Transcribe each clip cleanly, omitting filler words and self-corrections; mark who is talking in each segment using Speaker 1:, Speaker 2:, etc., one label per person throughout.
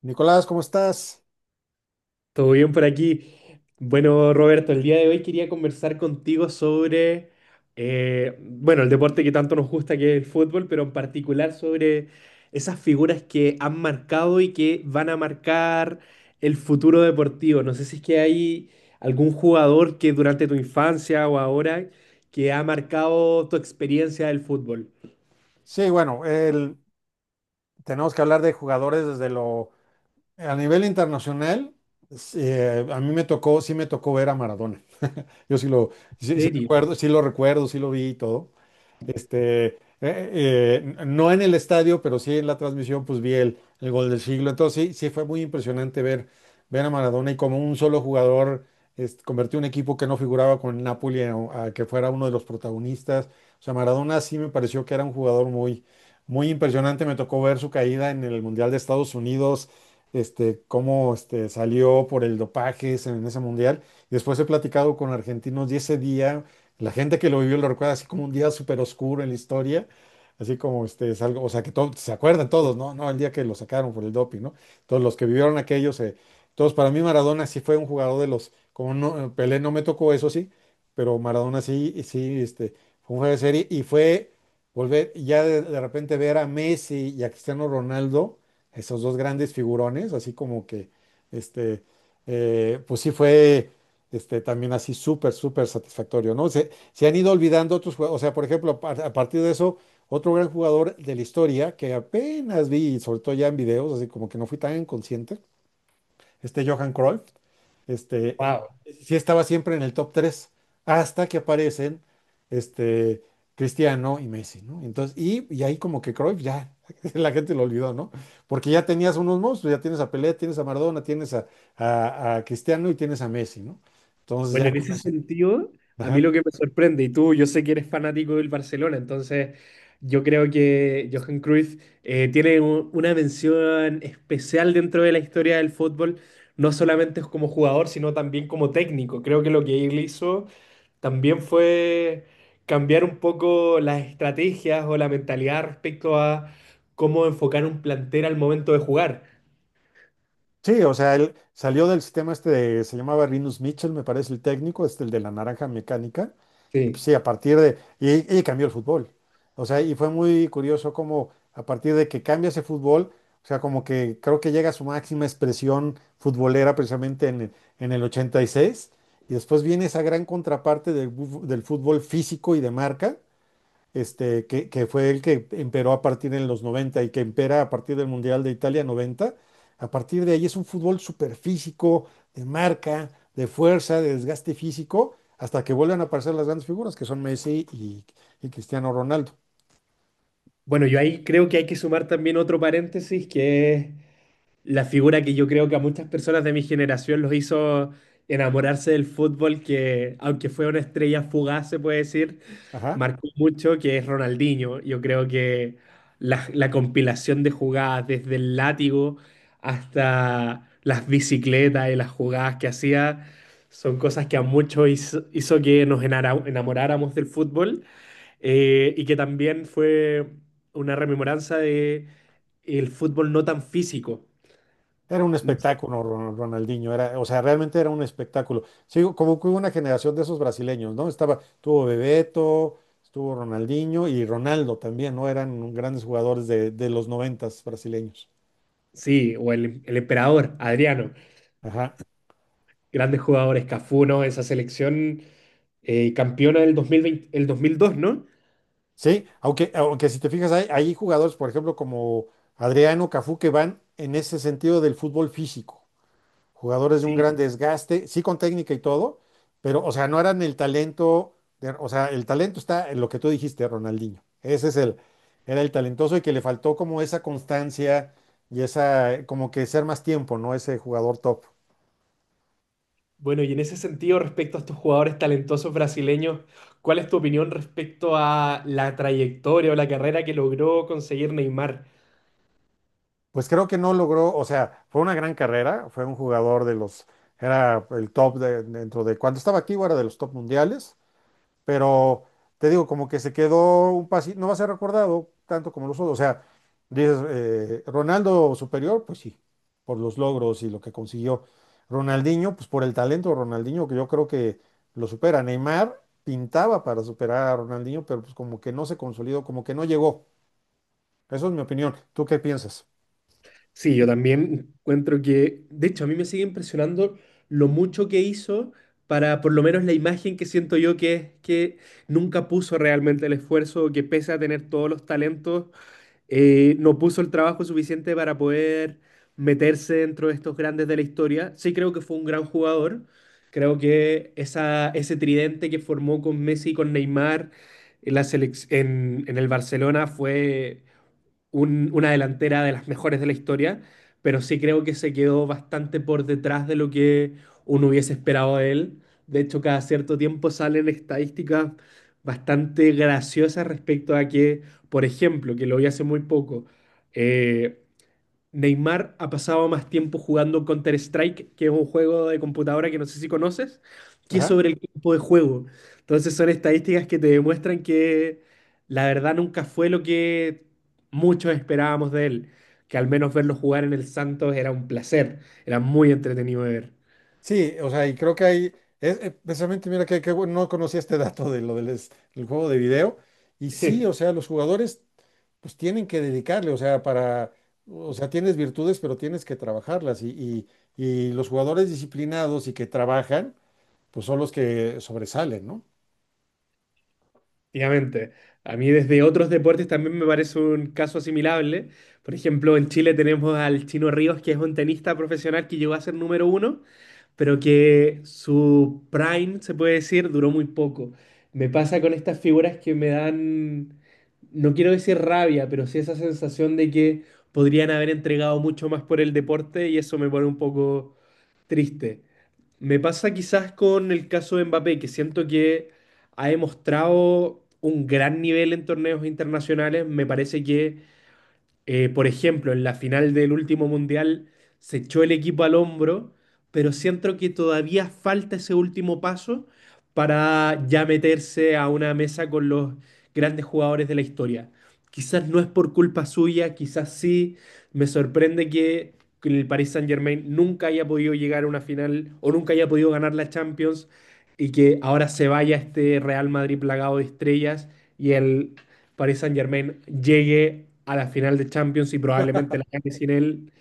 Speaker 1: Nicolás, ¿cómo estás?
Speaker 2: Todo bien por aquí. Bueno, Roberto, el día de hoy quería conversar contigo sobre, bueno, el deporte que tanto nos gusta, que es el fútbol, pero en particular sobre esas figuras que han marcado y que van a marcar el futuro deportivo. No sé si es que hay algún jugador que durante tu infancia o ahora que ha marcado tu experiencia del fútbol.
Speaker 1: Sí, bueno, tenemos que hablar de jugadores desde lo. A nivel internacional, sí, a mí me tocó, sí me tocó ver a Maradona. Yo sí lo,
Speaker 2: ¿En
Speaker 1: sí
Speaker 2: serio?
Speaker 1: recuerdo, sí lo vi y todo. Este, no en el estadio, pero sí en la transmisión, pues vi el gol del siglo. Entonces sí fue muy impresionante ver, ver a Maradona, y como un solo jugador convirtió un equipo que no figuraba, con el Napoli, a que fuera uno de los protagonistas. O sea, Maradona sí me pareció que era un jugador muy, muy impresionante. Me tocó ver su caída en el Mundial de Estados Unidos, cómo salió por el dopaje en ese Mundial. Después he platicado con argentinos, y ese día la gente que lo vivió lo recuerda así como un día súper oscuro en la historia, así como este es algo, o sea, que todos se acuerdan, todos, ¿no? No, el día que lo sacaron por el doping, ¿no? Todos los que vivieron aquellos se, todos, para mí Maradona sí fue un jugador de los, como no, Pelé no me tocó, eso sí, pero Maradona sí. Y sí, fue un juego de serie, y fue volver, ya de repente, ver a Messi y a Cristiano Ronaldo, esos dos grandes figurones, así como que, este, pues sí fue, también así súper, súper satisfactorio, ¿no? Se han ido olvidando otros jugadores. O sea, por ejemplo, a partir de eso, otro gran jugador de la historia que apenas vi, y sobre todo ya en videos, así como que no fui tan consciente, Johan Cruyff, este, eh,
Speaker 2: Wow.
Speaker 1: sí estaba siempre en el top 3 hasta que aparecen, este, Cristiano y Messi, ¿no? Entonces, y ahí como que Cruyff ya, la gente lo olvidó, ¿no? Porque ya tenías unos monstruos, ya tienes a Pelé, tienes a Maradona, tienes a, a Cristiano y tienes a Messi, ¿no? Entonces
Speaker 2: Bueno,
Speaker 1: ya
Speaker 2: en
Speaker 1: con
Speaker 2: ese
Speaker 1: eso.
Speaker 2: sentido, a mí lo que me sorprende, y tú, yo sé que eres fanático del Barcelona, entonces yo creo que Johan Cruyff tiene una mención especial dentro de la historia del fútbol, no solamente como jugador, sino también como técnico. Creo que lo que él hizo también fue cambiar un poco las estrategias o la mentalidad respecto a cómo enfocar un plantel al momento de jugar.
Speaker 1: Sí, o sea, él salió del sistema este de, se llamaba Rinus Mitchell, me parece, el técnico, este el de la naranja mecánica, y pues
Speaker 2: Sí.
Speaker 1: sí, a partir de, y cambió el fútbol. O sea, y fue muy curioso como a partir de que cambia ese fútbol, o sea, como que creo que llega a su máxima expresión futbolera precisamente en el 86, y seis, y después viene esa gran contraparte del, del fútbol físico y de marca, este, que fue el que emperó a partir de los noventa, y que impera a partir del Mundial de Italia 90. A partir de ahí es un fútbol superfísico, de marca, de fuerza, de desgaste físico, hasta que vuelven a aparecer las grandes figuras, que son Messi y Cristiano Ronaldo.
Speaker 2: Bueno, yo ahí creo que hay que sumar también otro paréntesis que es la figura que yo creo que a muchas personas de mi generación los hizo enamorarse del fútbol, que aunque fue una estrella fugaz, se puede decir,
Speaker 1: Ajá.
Speaker 2: marcó mucho, que es Ronaldinho. Yo creo que la compilación de jugadas, desde el látigo hasta las bicicletas y las jugadas que hacía, son cosas que a muchos hizo que enamoráramos del fútbol, y que también fue una rememoranza de el fútbol no tan físico.
Speaker 1: Era un espectáculo, Ronaldinho, era, o sea, realmente era un espectáculo. Sí, como que hubo una generación de esos brasileños, ¿no? Estaba, estuvo Bebeto, estuvo Ronaldinho, y Ronaldo también, ¿no? Eran grandes jugadores de los noventas brasileños.
Speaker 2: Sí, o el emperador, Adriano,
Speaker 1: Ajá.
Speaker 2: grandes jugadores, Cafú, ¿no? Esa selección campeona del 2020, el 2002, ¿no?
Speaker 1: Sí, aunque si te fijas, hay jugadores, por ejemplo, como Adriano, Cafú, que van en ese sentido del fútbol físico, jugadores de un
Speaker 2: Sí.
Speaker 1: gran desgaste, sí con técnica y todo, pero, o sea, no eran el talento. O sea, el talento está en lo que tú dijiste, Ronaldinho. Ese es el, era el talentoso, y que le faltó como esa constancia, y esa, como que ser más tiempo, ¿no? Ese jugador top.
Speaker 2: Bueno, y en ese sentido, respecto a estos jugadores talentosos brasileños, ¿cuál es tu opinión respecto a la trayectoria o la carrera que logró conseguir Neymar?
Speaker 1: Pues creo que no logró, o sea, fue una gran carrera, fue un jugador de los, era el top dentro de, cuando estaba activo, era de los top mundiales. Pero te digo, como que se quedó un pasito, no va a ser recordado tanto como los otros. O sea, dices, Ronaldo superior, pues sí, por los logros y lo que consiguió. Ronaldinho, pues por el talento de Ronaldinho, que yo creo que lo supera. Neymar pintaba para superar a Ronaldinho, pero pues como que no se consolidó, como que no llegó. Eso es mi opinión. ¿Tú qué piensas?
Speaker 2: Sí, yo también encuentro que, de hecho, a mí me sigue impresionando lo mucho que hizo para, por lo menos, la imagen que siento yo que es que nunca puso realmente el esfuerzo, que pese a tener todos los talentos, no puso el trabajo suficiente para poder meterse dentro de estos grandes de la historia. Sí creo que fue un gran jugador. Creo que ese tridente que formó con Messi y con Neymar en en el Barcelona fue una delantera de las mejores de la historia, pero sí creo que se quedó bastante por detrás de lo que uno hubiese esperado de él. De hecho, cada cierto tiempo salen estadísticas bastante graciosas respecto a que, por ejemplo, que lo vi hace muy poco, eh, Neymar ha pasado más tiempo jugando Counter-Strike, que es un juego de computadora que no sé si conoces, que
Speaker 1: Ajá.
Speaker 2: sobre el campo de juego. Entonces son estadísticas que te demuestran que la verdad nunca fue lo que muchos esperábamos de él, que al menos verlo jugar en el Santos era un placer, era muy entretenido de ver.
Speaker 1: Sí, o sea, y creo que hay, es, precisamente, mira, que bueno, no conocía este dato de lo del, del juego de video. Y sí, o sea, los jugadores pues tienen que dedicarle, o sea, para, o sea, tienes virtudes, pero tienes que trabajarlas. Y, y los jugadores disciplinados y que trabajan, pues son los que sobresalen, ¿no?
Speaker 2: Efectivamente. A mí desde otros deportes también me parece un caso asimilable. Por ejemplo, en Chile tenemos al Chino Ríos, que es un tenista profesional que llegó a ser número uno, pero que su prime, se puede decir, duró muy poco. Me pasa con estas figuras que me dan, no quiero decir rabia, pero sí esa sensación de que podrían haber entregado mucho más por el deporte y eso me pone un poco triste. Me pasa quizás con el caso de Mbappé, que siento que ha demostrado un gran nivel en torneos internacionales. Me parece que, por ejemplo, en la final del último mundial se echó el equipo al hombro, pero siento que todavía falta ese último paso para ya meterse a una mesa con los grandes jugadores de la historia. Quizás no es por culpa suya, quizás sí. Me sorprende que el Paris Saint-Germain nunca haya podido llegar a una final o nunca haya podido ganar la Champions y que ahora se vaya este Real Madrid plagado de estrellas y el Paris Saint-Germain llegue a la final de Champions y probablemente la gane sin él.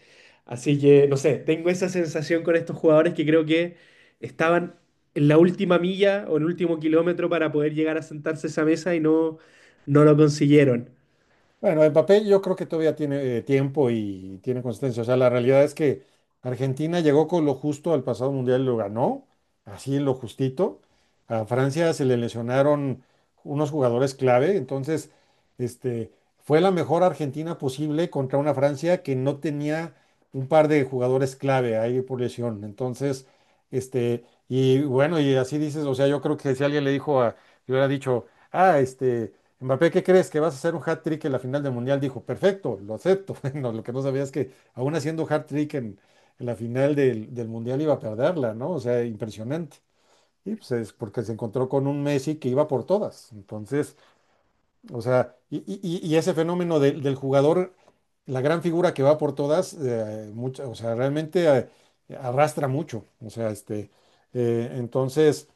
Speaker 2: Así que, no sé, tengo esa sensación con estos jugadores que creo que estaban en la última milla o en el último kilómetro para poder llegar a sentarse a esa mesa y no, no lo consiguieron.
Speaker 1: Bueno, Mbappé yo creo que todavía tiene, tiempo, y tiene consistencia. O sea, la realidad es que Argentina llegó con lo justo al pasado mundial, y lo ganó, así, lo justito. A Francia se le lesionaron unos jugadores clave, entonces este, fue la mejor Argentina posible contra una Francia que no tenía un par de jugadores clave ahí por lesión. Entonces, y bueno, y así dices, o sea, yo creo que si alguien le dijo a, le hubiera dicho, ah, este, Mbappé, ¿qué crees? ¿Que vas a hacer un hat-trick en la final del Mundial? Dijo, perfecto, lo acepto. Bueno, lo que no sabía es que, aún haciendo hat-trick en la final del Mundial, iba a perderla, ¿no? O sea, impresionante. Y pues es porque se encontró con un Messi que iba por todas. Entonces, o sea, y ese fenómeno del jugador, la gran figura que va por todas, o sea, realmente, arrastra mucho. O sea, entonces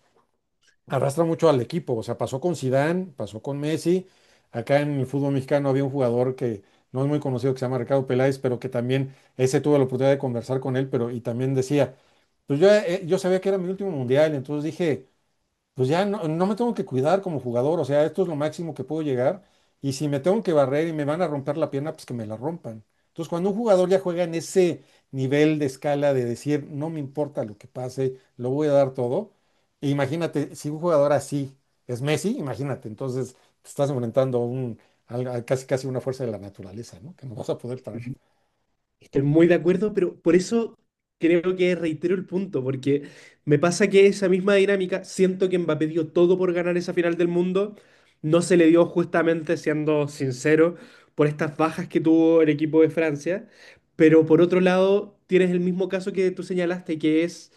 Speaker 1: arrastra mucho al equipo. O sea, pasó con Zidane, pasó con Messi. Acá en el fútbol mexicano había un jugador que no es muy conocido, que se llama Ricardo Peláez, pero que también ese, tuve la oportunidad de conversar con él, pero y también decía, pues yo sabía que era mi último mundial, entonces dije, pues ya no, no me tengo que cuidar como jugador, o sea, esto es lo máximo que puedo llegar. Y si me tengo que barrer, y me van a romper la pierna, pues que me la rompan. Entonces, cuando un jugador ya juega en ese nivel de escala de decir, no me importa lo que pase, lo voy a dar todo, e imagínate, si un jugador así es Messi, imagínate, entonces te estás enfrentando a un, a casi casi una fuerza de la naturaleza, ¿no? Que no vas a poder parar.
Speaker 2: Estoy muy de acuerdo, pero por eso creo que reitero el punto, porque me pasa que esa misma dinámica, siento que Mbappé dio todo por ganar esa final del mundo, no se le dio justamente, siendo sincero, por estas bajas que tuvo el equipo de Francia, pero por otro lado tienes el mismo caso que tú señalaste, que es,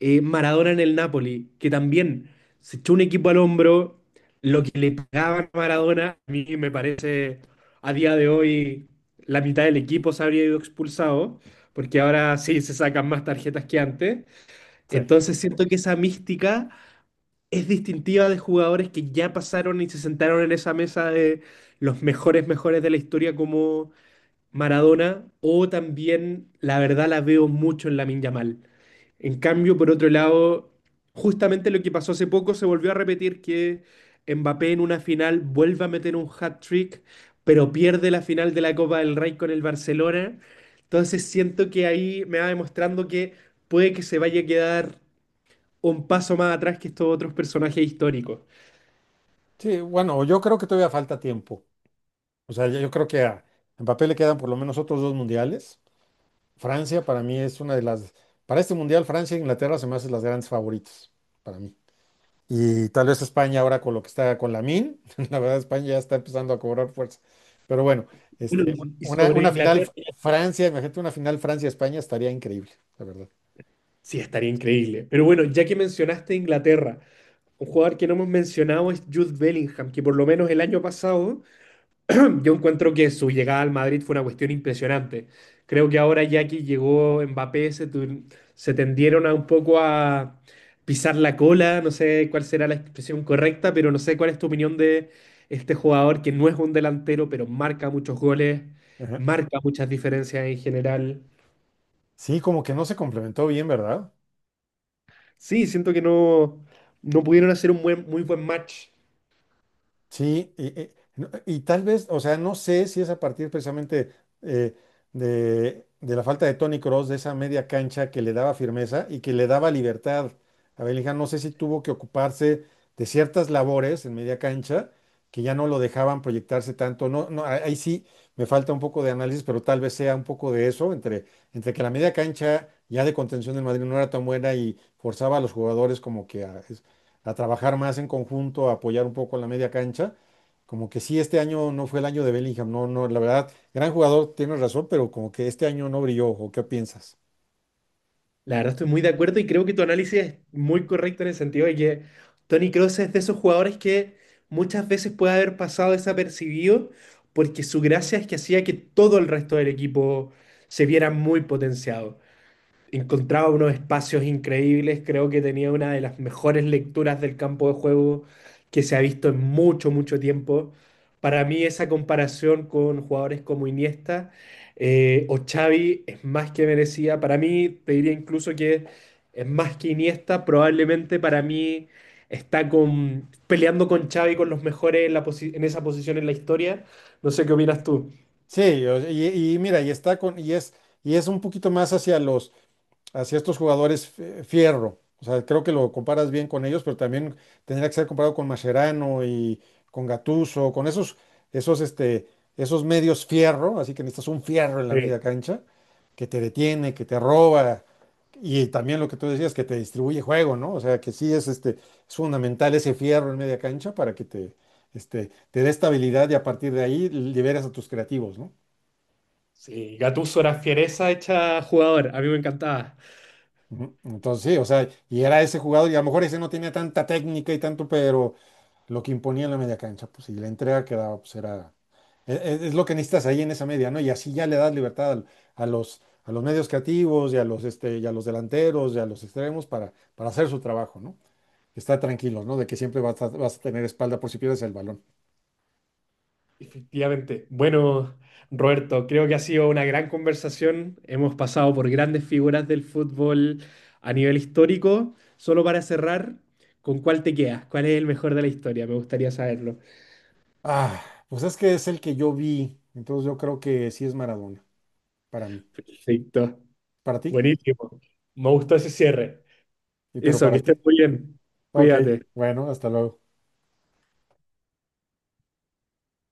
Speaker 2: Maradona en el Napoli, que también se echó un equipo al hombro, lo que le pagaban a Maradona, a mí me parece, a día de hoy la mitad del equipo se habría ido expulsado, porque ahora sí se sacan más tarjetas que antes.
Speaker 1: Sí.
Speaker 2: Entonces siento que esa mística es distintiva de jugadores que ya pasaron y se sentaron en esa mesa de los mejores, mejores de la historia como Maradona, o también, la verdad, la veo mucho en la Yamal. En cambio, por otro lado, justamente lo que pasó hace poco se volvió a repetir que Mbappé en una final vuelve a meter un hat-trick, pero pierde la final de la Copa del Rey con el Barcelona. Entonces siento que ahí me va demostrando que puede que se vaya a quedar un paso más atrás que estos otros personajes históricos.
Speaker 1: Sí, bueno, yo creo que todavía falta tiempo. O sea, yo creo que a Mbappé le quedan por lo menos otros dos mundiales. Francia, para mí, es una de las, para este mundial, Francia e Inglaterra se me hacen las grandes favoritas, para mí. Y tal vez España ahora, con lo que está, con la min la verdad, España ya está empezando a cobrar fuerza. Pero bueno,
Speaker 2: Bueno,
Speaker 1: este,
Speaker 2: y
Speaker 1: una,
Speaker 2: sobre
Speaker 1: una final
Speaker 2: Inglaterra,
Speaker 1: Francia, imagínate, una final Francia-España, estaría increíble, la verdad.
Speaker 2: sí, estaría increíble. Pero bueno, ya que mencionaste Inglaterra, un jugador que no hemos mencionado es Jude Bellingham, que por lo menos el año pasado yo encuentro que su llegada al Madrid fue una cuestión impresionante. Creo que ahora ya que llegó Mbappé se tendieron a un poco a pisar la cola, no sé cuál será la expresión correcta, pero no sé cuál es tu opinión de este jugador que no es un delantero, pero marca muchos goles,
Speaker 1: Ajá.
Speaker 2: marca muchas diferencias en general.
Speaker 1: Sí, como que no se complementó bien, ¿verdad?
Speaker 2: Sí, siento que no, no pudieron hacer muy buen match.
Speaker 1: Sí, y, y tal vez, o sea, no sé si es a partir precisamente, eh, de la falta de Tony Cross, de esa media cancha que le daba firmeza y que le daba libertad a Bellingham. No sé si tuvo que ocuparse de ciertas labores en media cancha que ya no lo dejaban proyectarse tanto. No, no, ahí sí me falta un poco de análisis, pero tal vez sea un poco de eso, entre, que la media cancha ya de contención del Madrid no era tan buena, y forzaba a los jugadores como que a trabajar más en conjunto, a apoyar un poco la media cancha. Como que sí, este año no fue el año de Bellingham, no, no, la verdad, gran jugador, tienes razón, pero como que este año no brilló, ¿o qué piensas?
Speaker 2: La verdad estoy muy de acuerdo y creo que tu análisis es muy correcto en el sentido de que Tony Kroos es de esos jugadores que muchas veces puede haber pasado desapercibido porque su gracia es que hacía que todo el resto del equipo se viera muy potenciado, encontraba unos espacios increíbles, creo que tenía una de las mejores lecturas del campo de juego que se ha visto en mucho, mucho tiempo. Para mí esa comparación con jugadores como Iniesta, o Xavi es más que merecida. Para mí, te diría incluso que es más que Iniesta, probablemente para mí está con, peleando con Xavi con los mejores en en esa posición en la historia. No sé qué opinas tú.
Speaker 1: Sí, y mira, y está con, y es un poquito más hacia los, hacia estos jugadores, fierro. O sea, creo que lo comparas bien con ellos, pero también tendría que ser comparado con Mascherano y con Gattuso, con esos, esos, este, esos medios fierro, así que necesitas un fierro en la
Speaker 2: Sí.
Speaker 1: media cancha que te detiene, que te roba, y también lo que tú decías, que te distribuye juego, ¿no? O sea, que sí, es, es fundamental ese fierro en media cancha, para que te, te dé estabilidad, y a partir de ahí liberas a tus creativos, ¿no?
Speaker 2: Sí, Gattuso era fiereza hecha jugador, a mí me encantaba.
Speaker 1: Ujú. Entonces, sí, o sea, y era ese jugador, y a lo mejor ese no tenía tanta técnica y tanto, pero lo que imponía en la media cancha, pues, y la entrega que daba, pues, era, es, lo que necesitas ahí en esa media, ¿no? Y así ya le das libertad a los medios creativos y a los, y a los delanteros y a los extremos, para hacer su trabajo, ¿no? Estar tranquilos, ¿no? De que siempre vas a, vas a tener espalda por si pierdes el balón.
Speaker 2: Efectivamente. Bueno, Roberto, creo que ha sido una gran conversación. Hemos pasado por grandes figuras del fútbol a nivel histórico. Solo para cerrar, ¿con cuál te quedas? ¿Cuál es el mejor de la historia? Me gustaría saberlo.
Speaker 1: Ah, pues es que es el que yo vi, entonces yo creo que sí, es Maradona, para mí.
Speaker 2: Perfecto.
Speaker 1: ¿Para ti?
Speaker 2: Buenísimo. Me gustó ese cierre.
Speaker 1: Y pero
Speaker 2: Eso, que
Speaker 1: para
Speaker 2: estés
Speaker 1: ti.
Speaker 2: muy bien.
Speaker 1: Ok,
Speaker 2: Cuídate.
Speaker 1: bueno, hasta luego.